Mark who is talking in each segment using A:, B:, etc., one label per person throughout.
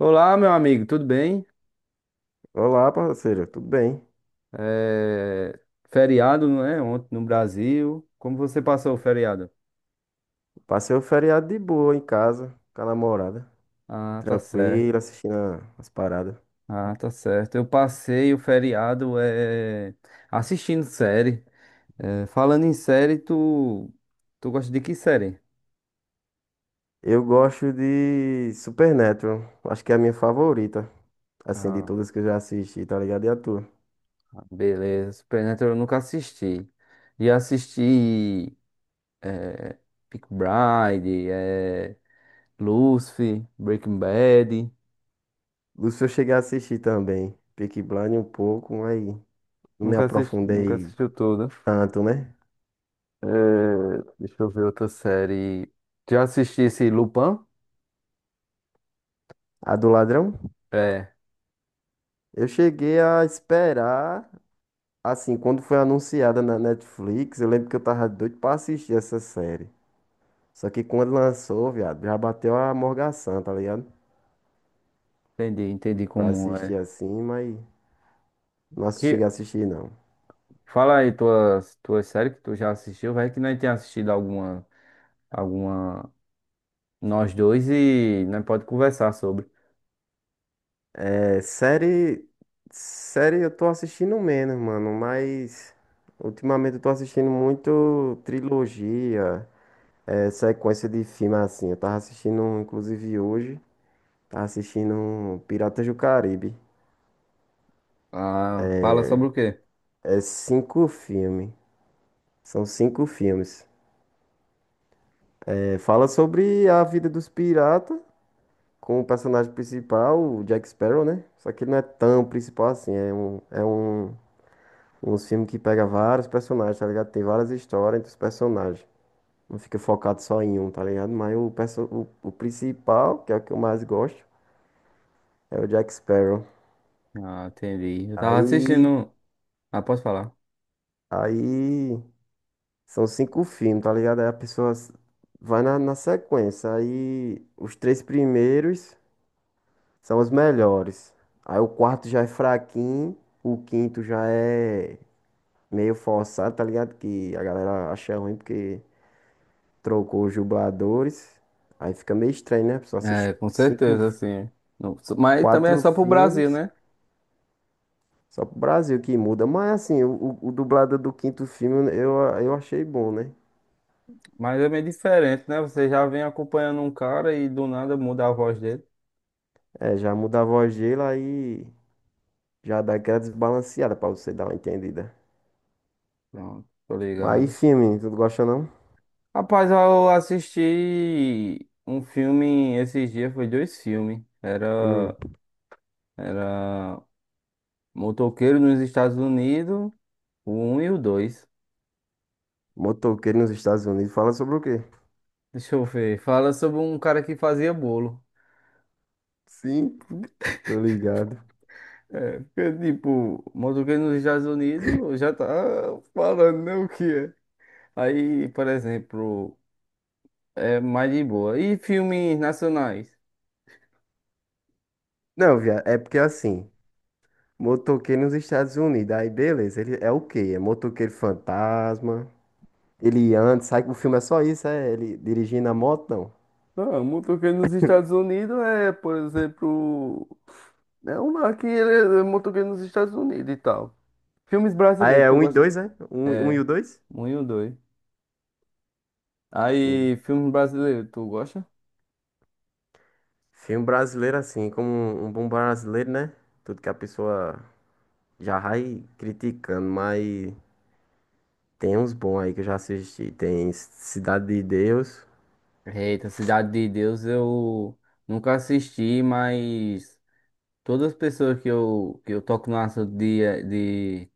A: Olá, meu amigo, tudo bem?
B: Olá, parceiro, tudo bem?
A: É... Feriado, não é? Ontem no Brasil. Como você passou o feriado?
B: Passei o feriado de boa em casa, com a namorada,
A: Ah, tá certo.
B: tranquilo, assistindo as paradas.
A: Ah, tá certo. Eu passei o feriado assistindo série. É, falando em série, tu gosta de que série?
B: Eu gosto de Supernatural, acho que é a minha favorita, assim, de
A: Ah,
B: todas que eu já assisti, tá ligado? E a tua?
A: beleza. Supernatural eu nunca assisti. E assisti Peaky Blinders, Lucifer, Breaking Bad.
B: Lúcio eu cheguei a assistir também, Peaky Blinders um pouco, mas não me
A: Nunca assisti... nunca
B: aprofundei
A: assistiu tudo.
B: tanto, né?
A: É, deixa eu ver outra série. Já assisti esse Lupin?
B: A do Ladrão?
A: É,
B: Eu cheguei a esperar, assim, quando foi anunciada na Netflix, eu lembro que eu tava doido pra assistir essa série. Só que quando lançou, viado, já bateu a morgação, tá ligado?
A: entendi, entendi
B: Pra
A: como
B: assistir
A: é.
B: assim, mas não assisti-
A: E
B: cheguei a assistir, não.
A: fala aí tuas séries que tu já assistiu, vai que nós tenha assistido alguma, alguma, nós dois e nós pode conversar sobre.
B: É, série. Série eu tô assistindo menos, mano, mas. Ultimamente eu tô assistindo muito trilogia, é, sequência de filme assim. Eu tava assistindo, inclusive hoje, tava assistindo Piratas do Caribe.
A: Ah, fala sobre o quê?
B: É cinco filmes. São cinco filmes. É, fala sobre a vida dos piratas, com o personagem principal, o Jack Sparrow, né? Só que ele não é tão principal assim. Um filme que pega vários personagens, tá ligado? Tem várias histórias entre os personagens. Não fica focado só em um, tá ligado? Mas o principal, que é o que eu mais gosto, é o Jack Sparrow.
A: Ah, entendi. Eu tava
B: Aí,
A: assistindo. Ah, posso falar?
B: aí são cinco filmes, tá ligado? Aí a pessoa vai na sequência. Aí os três primeiros são os melhores. Aí o quarto já é fraquinho, o quinto já é meio forçado, tá ligado? Que a galera acha ruim porque trocou os dubladores. Aí fica meio estranho, né? A pessoa assiste
A: É, com
B: cinco,
A: certeza, sim. Não, so- Mas também é
B: quatro
A: só pro Brasil,
B: filmes
A: né?
B: só pro Brasil que muda. Mas assim, o dublado do quinto filme eu achei bom, né?
A: Mas é meio diferente, né? Você já vem acompanhando um cara e do nada muda a voz dele.
B: É, já muda a voz dele, aí já dá aquela desbalanceada pra você dar uma entendida.
A: Pronto, tô
B: Mas e
A: ligado.
B: filme, tu não gosta não?
A: Rapaz, eu assisti um filme esses dias, foi dois filmes.
B: Hum,
A: Era Motoqueiro nos Estados Unidos, o um e o dois.
B: motoqueiro nos Estados Unidos fala sobre o quê?
A: Deixa eu ver. Fala sobre um cara que fazia bolo.
B: Sim, tô ligado.
A: É, porque, tipo, Motoqueiro nos Estados Unidos já tá falando, né, o que é. Aí, por exemplo, é mais de boa. E filmes nacionais?
B: Não, viado, é porque assim, Motoqueiro nos Estados Unidos. Aí, beleza. Ele é o quê? É motoqueiro fantasma. Ele anda, sai. O filme é só isso, é? Ele dirigindo a moto, não.
A: Não, o motoqueiro nos Estados Unidos é, por exemplo, é um aqui, ele é motoqueiro nos Estados Unidos e tal. Filmes
B: Ah,
A: brasileiros,
B: é
A: tu
B: um e
A: gosta?
B: dois, é? Um e o dois?
A: Muito doido.
B: Sim.
A: Aí, filmes brasileiros, tu gosta?
B: Filme brasileiro, assim, como um bom brasileiro, né? Tudo que a pessoa já vai criticando, mas tem uns bons aí que eu já assisti. Tem Cidade de Deus.
A: Eita, Cidade de Deus eu nunca assisti, mas todas as pessoas que eu que eu toco no assunto de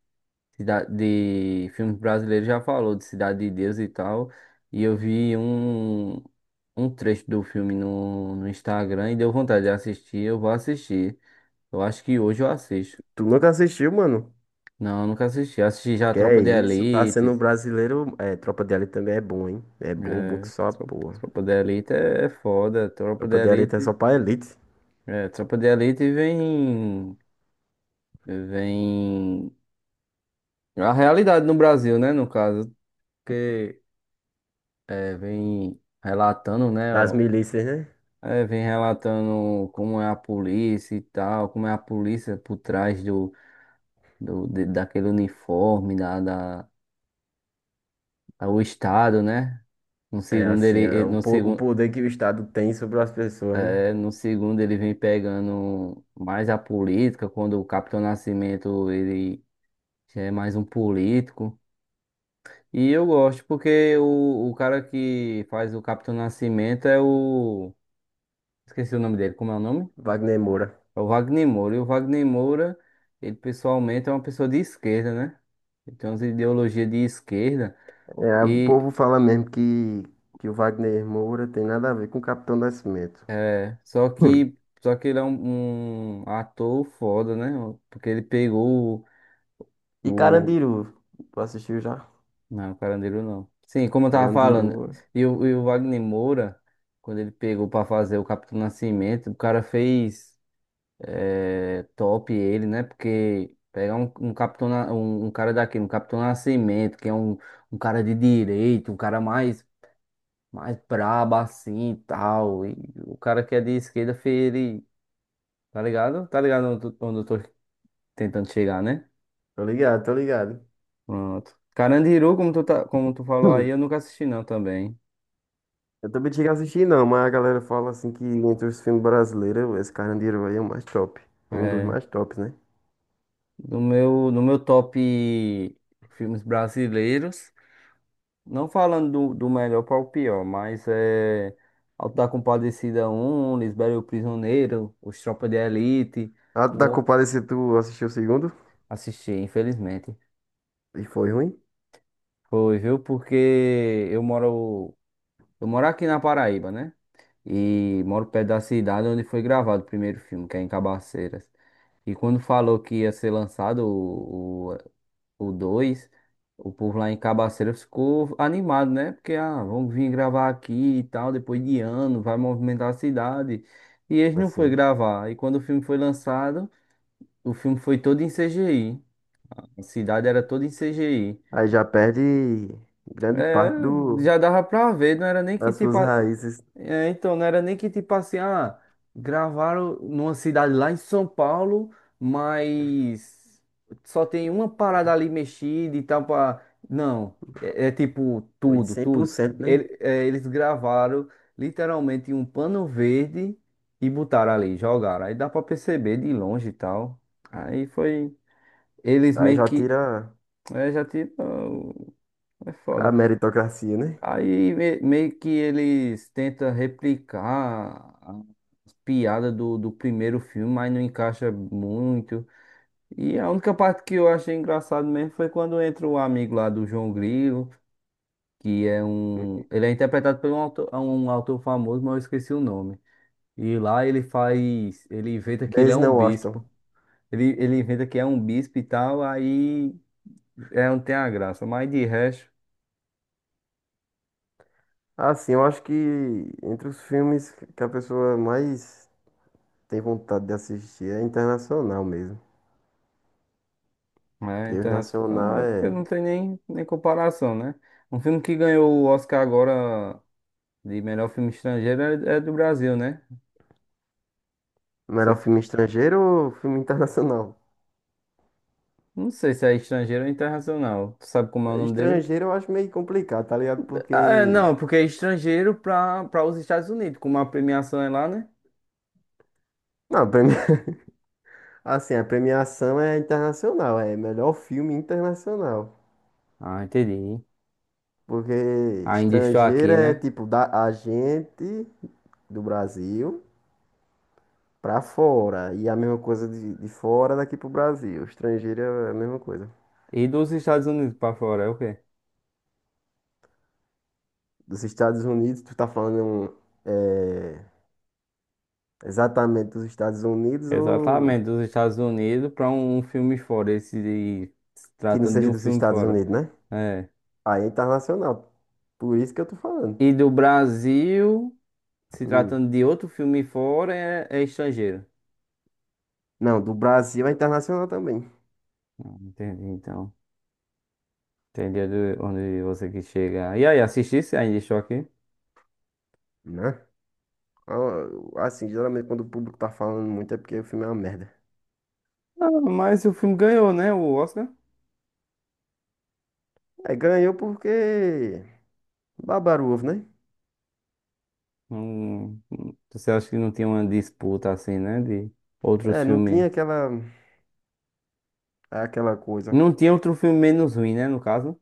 A: De filmes brasileiros já falou de Cidade de Deus e tal. E eu vi um trecho do filme no Instagram e deu vontade de assistir. Eu vou assistir. Eu acho que hoje eu assisto.
B: Tu nunca assistiu, mano?
A: Não, eu nunca assisti. Assisti já a
B: Que
A: Tropa
B: é
A: de
B: isso, tá sendo
A: Elite.
B: um brasileiro. É, Tropa de Elite também é bom, hein? É bom, bom que
A: É,
B: só a porra.
A: Tropa de Elite é foda. Tropa de
B: Tropa de elite é só
A: Elite.
B: pra elite.
A: É, Tropa de Elite vem. Vem. A realidade no Brasil, né? No caso, porque é, vem relatando, né?
B: Das milícias, né?
A: É, vem relatando como é a polícia e tal, como é a polícia por trás daquele uniforme, da, o estado, né? No
B: É
A: segundo
B: assim,
A: no
B: o
A: segundo,
B: poder que o Estado tem sobre as pessoas, né?
A: é, no segundo ele vem pegando mais a política, quando o Capitão Nascimento ele já é mais um político. E eu gosto porque o cara que faz o Capitão Nascimento é o, esqueci o nome dele, como é o nome?
B: Wagner Moura.
A: É o Wagner Moura. E o Wagner Moura, ele pessoalmente é uma pessoa de esquerda, né? Ele tem umas ideologias de esquerda.
B: É, o
A: E
B: povo fala mesmo que o Wagner Moura tem nada a ver com o Capitão Nascimento.
A: é,
B: Hum.
A: só que ele é um, um ator foda, né? Porque ele pegou
B: E
A: o...
B: Carandiru, tu assistiu já?
A: Não, o Carandiru não. Sim, como eu tava falando.
B: Carandiru.
A: E o Wagner Moura, quando ele pegou pra fazer o Capitão Nascimento, o cara fez. É, top ele, né? Porque pegar um, um capitão, um, um cara daquele, um capitão Nascimento, que é um, um cara de direito, um cara mais, mais brabo assim e tal. E o cara que é de esquerda, ele. Tá ligado? Tá ligado onde eu tô tentando chegar, né?
B: Tô ligado, tô ligado.
A: Pronto. Carandiru, como como tu falou aí,
B: Hum.
A: eu nunca assisti não também.
B: Eu também cheguei a assistir não, mas a galera fala assim que entre os filmes brasileiros, esse Carandiru aí é o mais top. Um dos
A: É,
B: mais tops, né?
A: no meu, no meu top filmes brasileiros. Não falando do melhor para o pior, mas é. Auto da Compadecida Um Lisbela e o Prisioneiro, Os Tropas de Elite.
B: A da
A: O...
B: Compadecida, tu assistiu o segundo?
A: Assisti, infelizmente.
B: E foi ruim?
A: Foi, viu? Porque eu moro. Eu moro aqui na Paraíba, né? E moro perto da cidade onde foi gravado o primeiro filme, que é em Cabaceiras. E quando falou que ia ser lançado o dois, o povo lá em Cabaceira ficou animado, né? Porque, ah, vamos vir gravar aqui e tal, depois de ano, vai movimentar a cidade. E eles não
B: Mas
A: foi
B: sim.
A: gravar. E quando o filme foi lançado, o filme foi todo em CGI. A cidade era toda em CGI.
B: Aí já perde grande
A: É,
B: parte
A: já dava pra ver, não era nem que
B: das
A: tipo.
B: suas raízes.
A: É, então, não era nem que tipo assim, ah, gravaram numa cidade lá em São Paulo, mas só tem uma parada ali mexida e tal pra... Não, é, é tipo
B: Foi
A: tudo,
B: cem por
A: tudo.
B: cento né?
A: Eles gravaram literalmente em um pano verde e botaram ali, jogaram. Aí dá pra perceber de longe e tal. Aí foi... Eles
B: Aí
A: meio
B: já
A: que...
B: tira
A: É, já tinha... É
B: a
A: foda.
B: meritocracia, né?
A: Meio que eles tentam replicar as piadas do primeiro filme, mas não encaixa muito. E a única parte que eu achei engraçado mesmo foi quando entra o amigo lá do João Grilo, que é um. Ele é interpretado por um autor famoso, mas eu esqueci o nome. E lá ele faz. Ele inventa que ele é
B: Denzel
A: um bispo.
B: Washington.
A: Ele inventa que é um bispo e tal, aí é, não tem a graça. Mas de resto.
B: Assim, eu acho que entre os filmes que a pessoa mais tem vontade de assistir é internacional mesmo.
A: É,
B: Porque o
A: internacional,
B: nacional
A: é porque
B: é
A: não tem nem comparação, né? Um filme que ganhou o Oscar agora de melhor filme estrangeiro é do Brasil, né? Não
B: melhor
A: sei,
B: filme
A: se
B: estrangeiro ou filme internacional?
A: não sei se é estrangeiro ou internacional. Tu sabe como é o nome dele?
B: Estrangeiro eu acho meio complicado, tá ligado?
A: Ah, é,
B: Porque.
A: não, é porque é estrangeiro para os Estados Unidos, como a premiação é lá, né?
B: Não, premi- assim, a premiação é internacional, é melhor filme internacional.
A: Ah, entendi.
B: Porque
A: Ainda estou
B: estrangeira
A: aqui,
B: é
A: né?
B: tipo da a gente do Brasil pra fora. E a mesma coisa de fora daqui pro Brasil. Estrangeira é a mesma coisa.
A: E dos Estados Unidos para fora, é o quê?
B: Dos Estados Unidos, tu tá falando é, exatamente dos Estados Unidos ou
A: Exatamente, dos Estados Unidos para um filme fora, esse de, se
B: que não
A: tratando de
B: seja
A: um
B: dos
A: filme
B: Estados
A: fora.
B: Unidos, né?
A: É.
B: Aí é internacional. Por isso que eu tô falando.
A: E do Brasil, se
B: Hum.
A: tratando de outro filme fora, é estrangeiro.
B: Não, do Brasil é internacional também,
A: Ah, entendi, então. Entendi onde você quis chegar. E aí, assistisse ainda estou aqui?
B: né? Ah, assim, geralmente quando o público tá falando muito é porque o filme é uma merda.
A: Ah, mas o filme ganhou, né? O Oscar.
B: É, ganhou porque Babaruvo, né?
A: Não- Você acha que não tinha uma disputa assim, né? De outros
B: É, não
A: filmes.
B: tinha aquela coisa.
A: Não tinha outro filme menos ruim, né? No caso.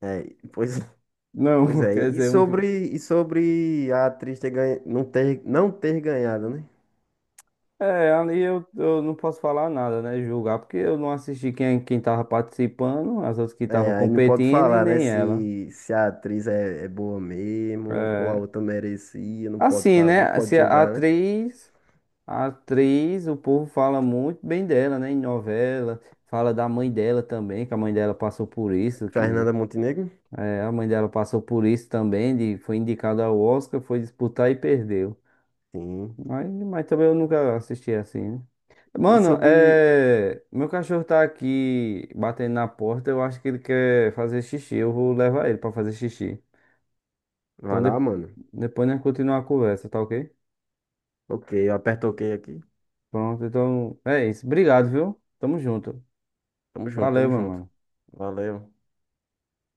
B: É, pois,
A: Não,
B: pois é.
A: quer
B: E
A: dizer, um filme.
B: sobre e sobre a atriz ter ganha, não ter ganhado, né?
A: É, ali eu não posso falar nada, né? Julgar, porque eu não assisti quem, quem tava participando, as outras que
B: É,
A: estavam
B: aí não pode
A: competindo e
B: falar, né?
A: nem ela.
B: Se a atriz é boa mesmo ou a outra merecia, não pode
A: Assim,
B: falar, não
A: né?
B: pode
A: Se a
B: julgar, né?
A: atriz, a atriz, o povo fala muito bem dela, né? Em novela, fala da mãe dela também, que a mãe dela passou por isso, que
B: Fernanda Montenegro?
A: é, a mãe dela passou por isso também, de, foi indicada ao Oscar, foi disputar e perdeu.
B: Sim.
A: Mas também eu nunca assisti assim, né?
B: E
A: Mano,
B: sobre,
A: é, meu cachorro tá aqui batendo na porta, eu acho que ele quer fazer xixi, eu vou levar ele pra fazer xixi.
B: vai
A: Então
B: lá, mano.
A: depois nós continuamos a conversa, tá ok?
B: Ok, eu aperto ok aqui.
A: Pronto, então é isso. Obrigado, viu? Tamo junto.
B: Tamo junto,
A: Valeu,
B: tamo
A: meu
B: junto.
A: mano.
B: Valeu.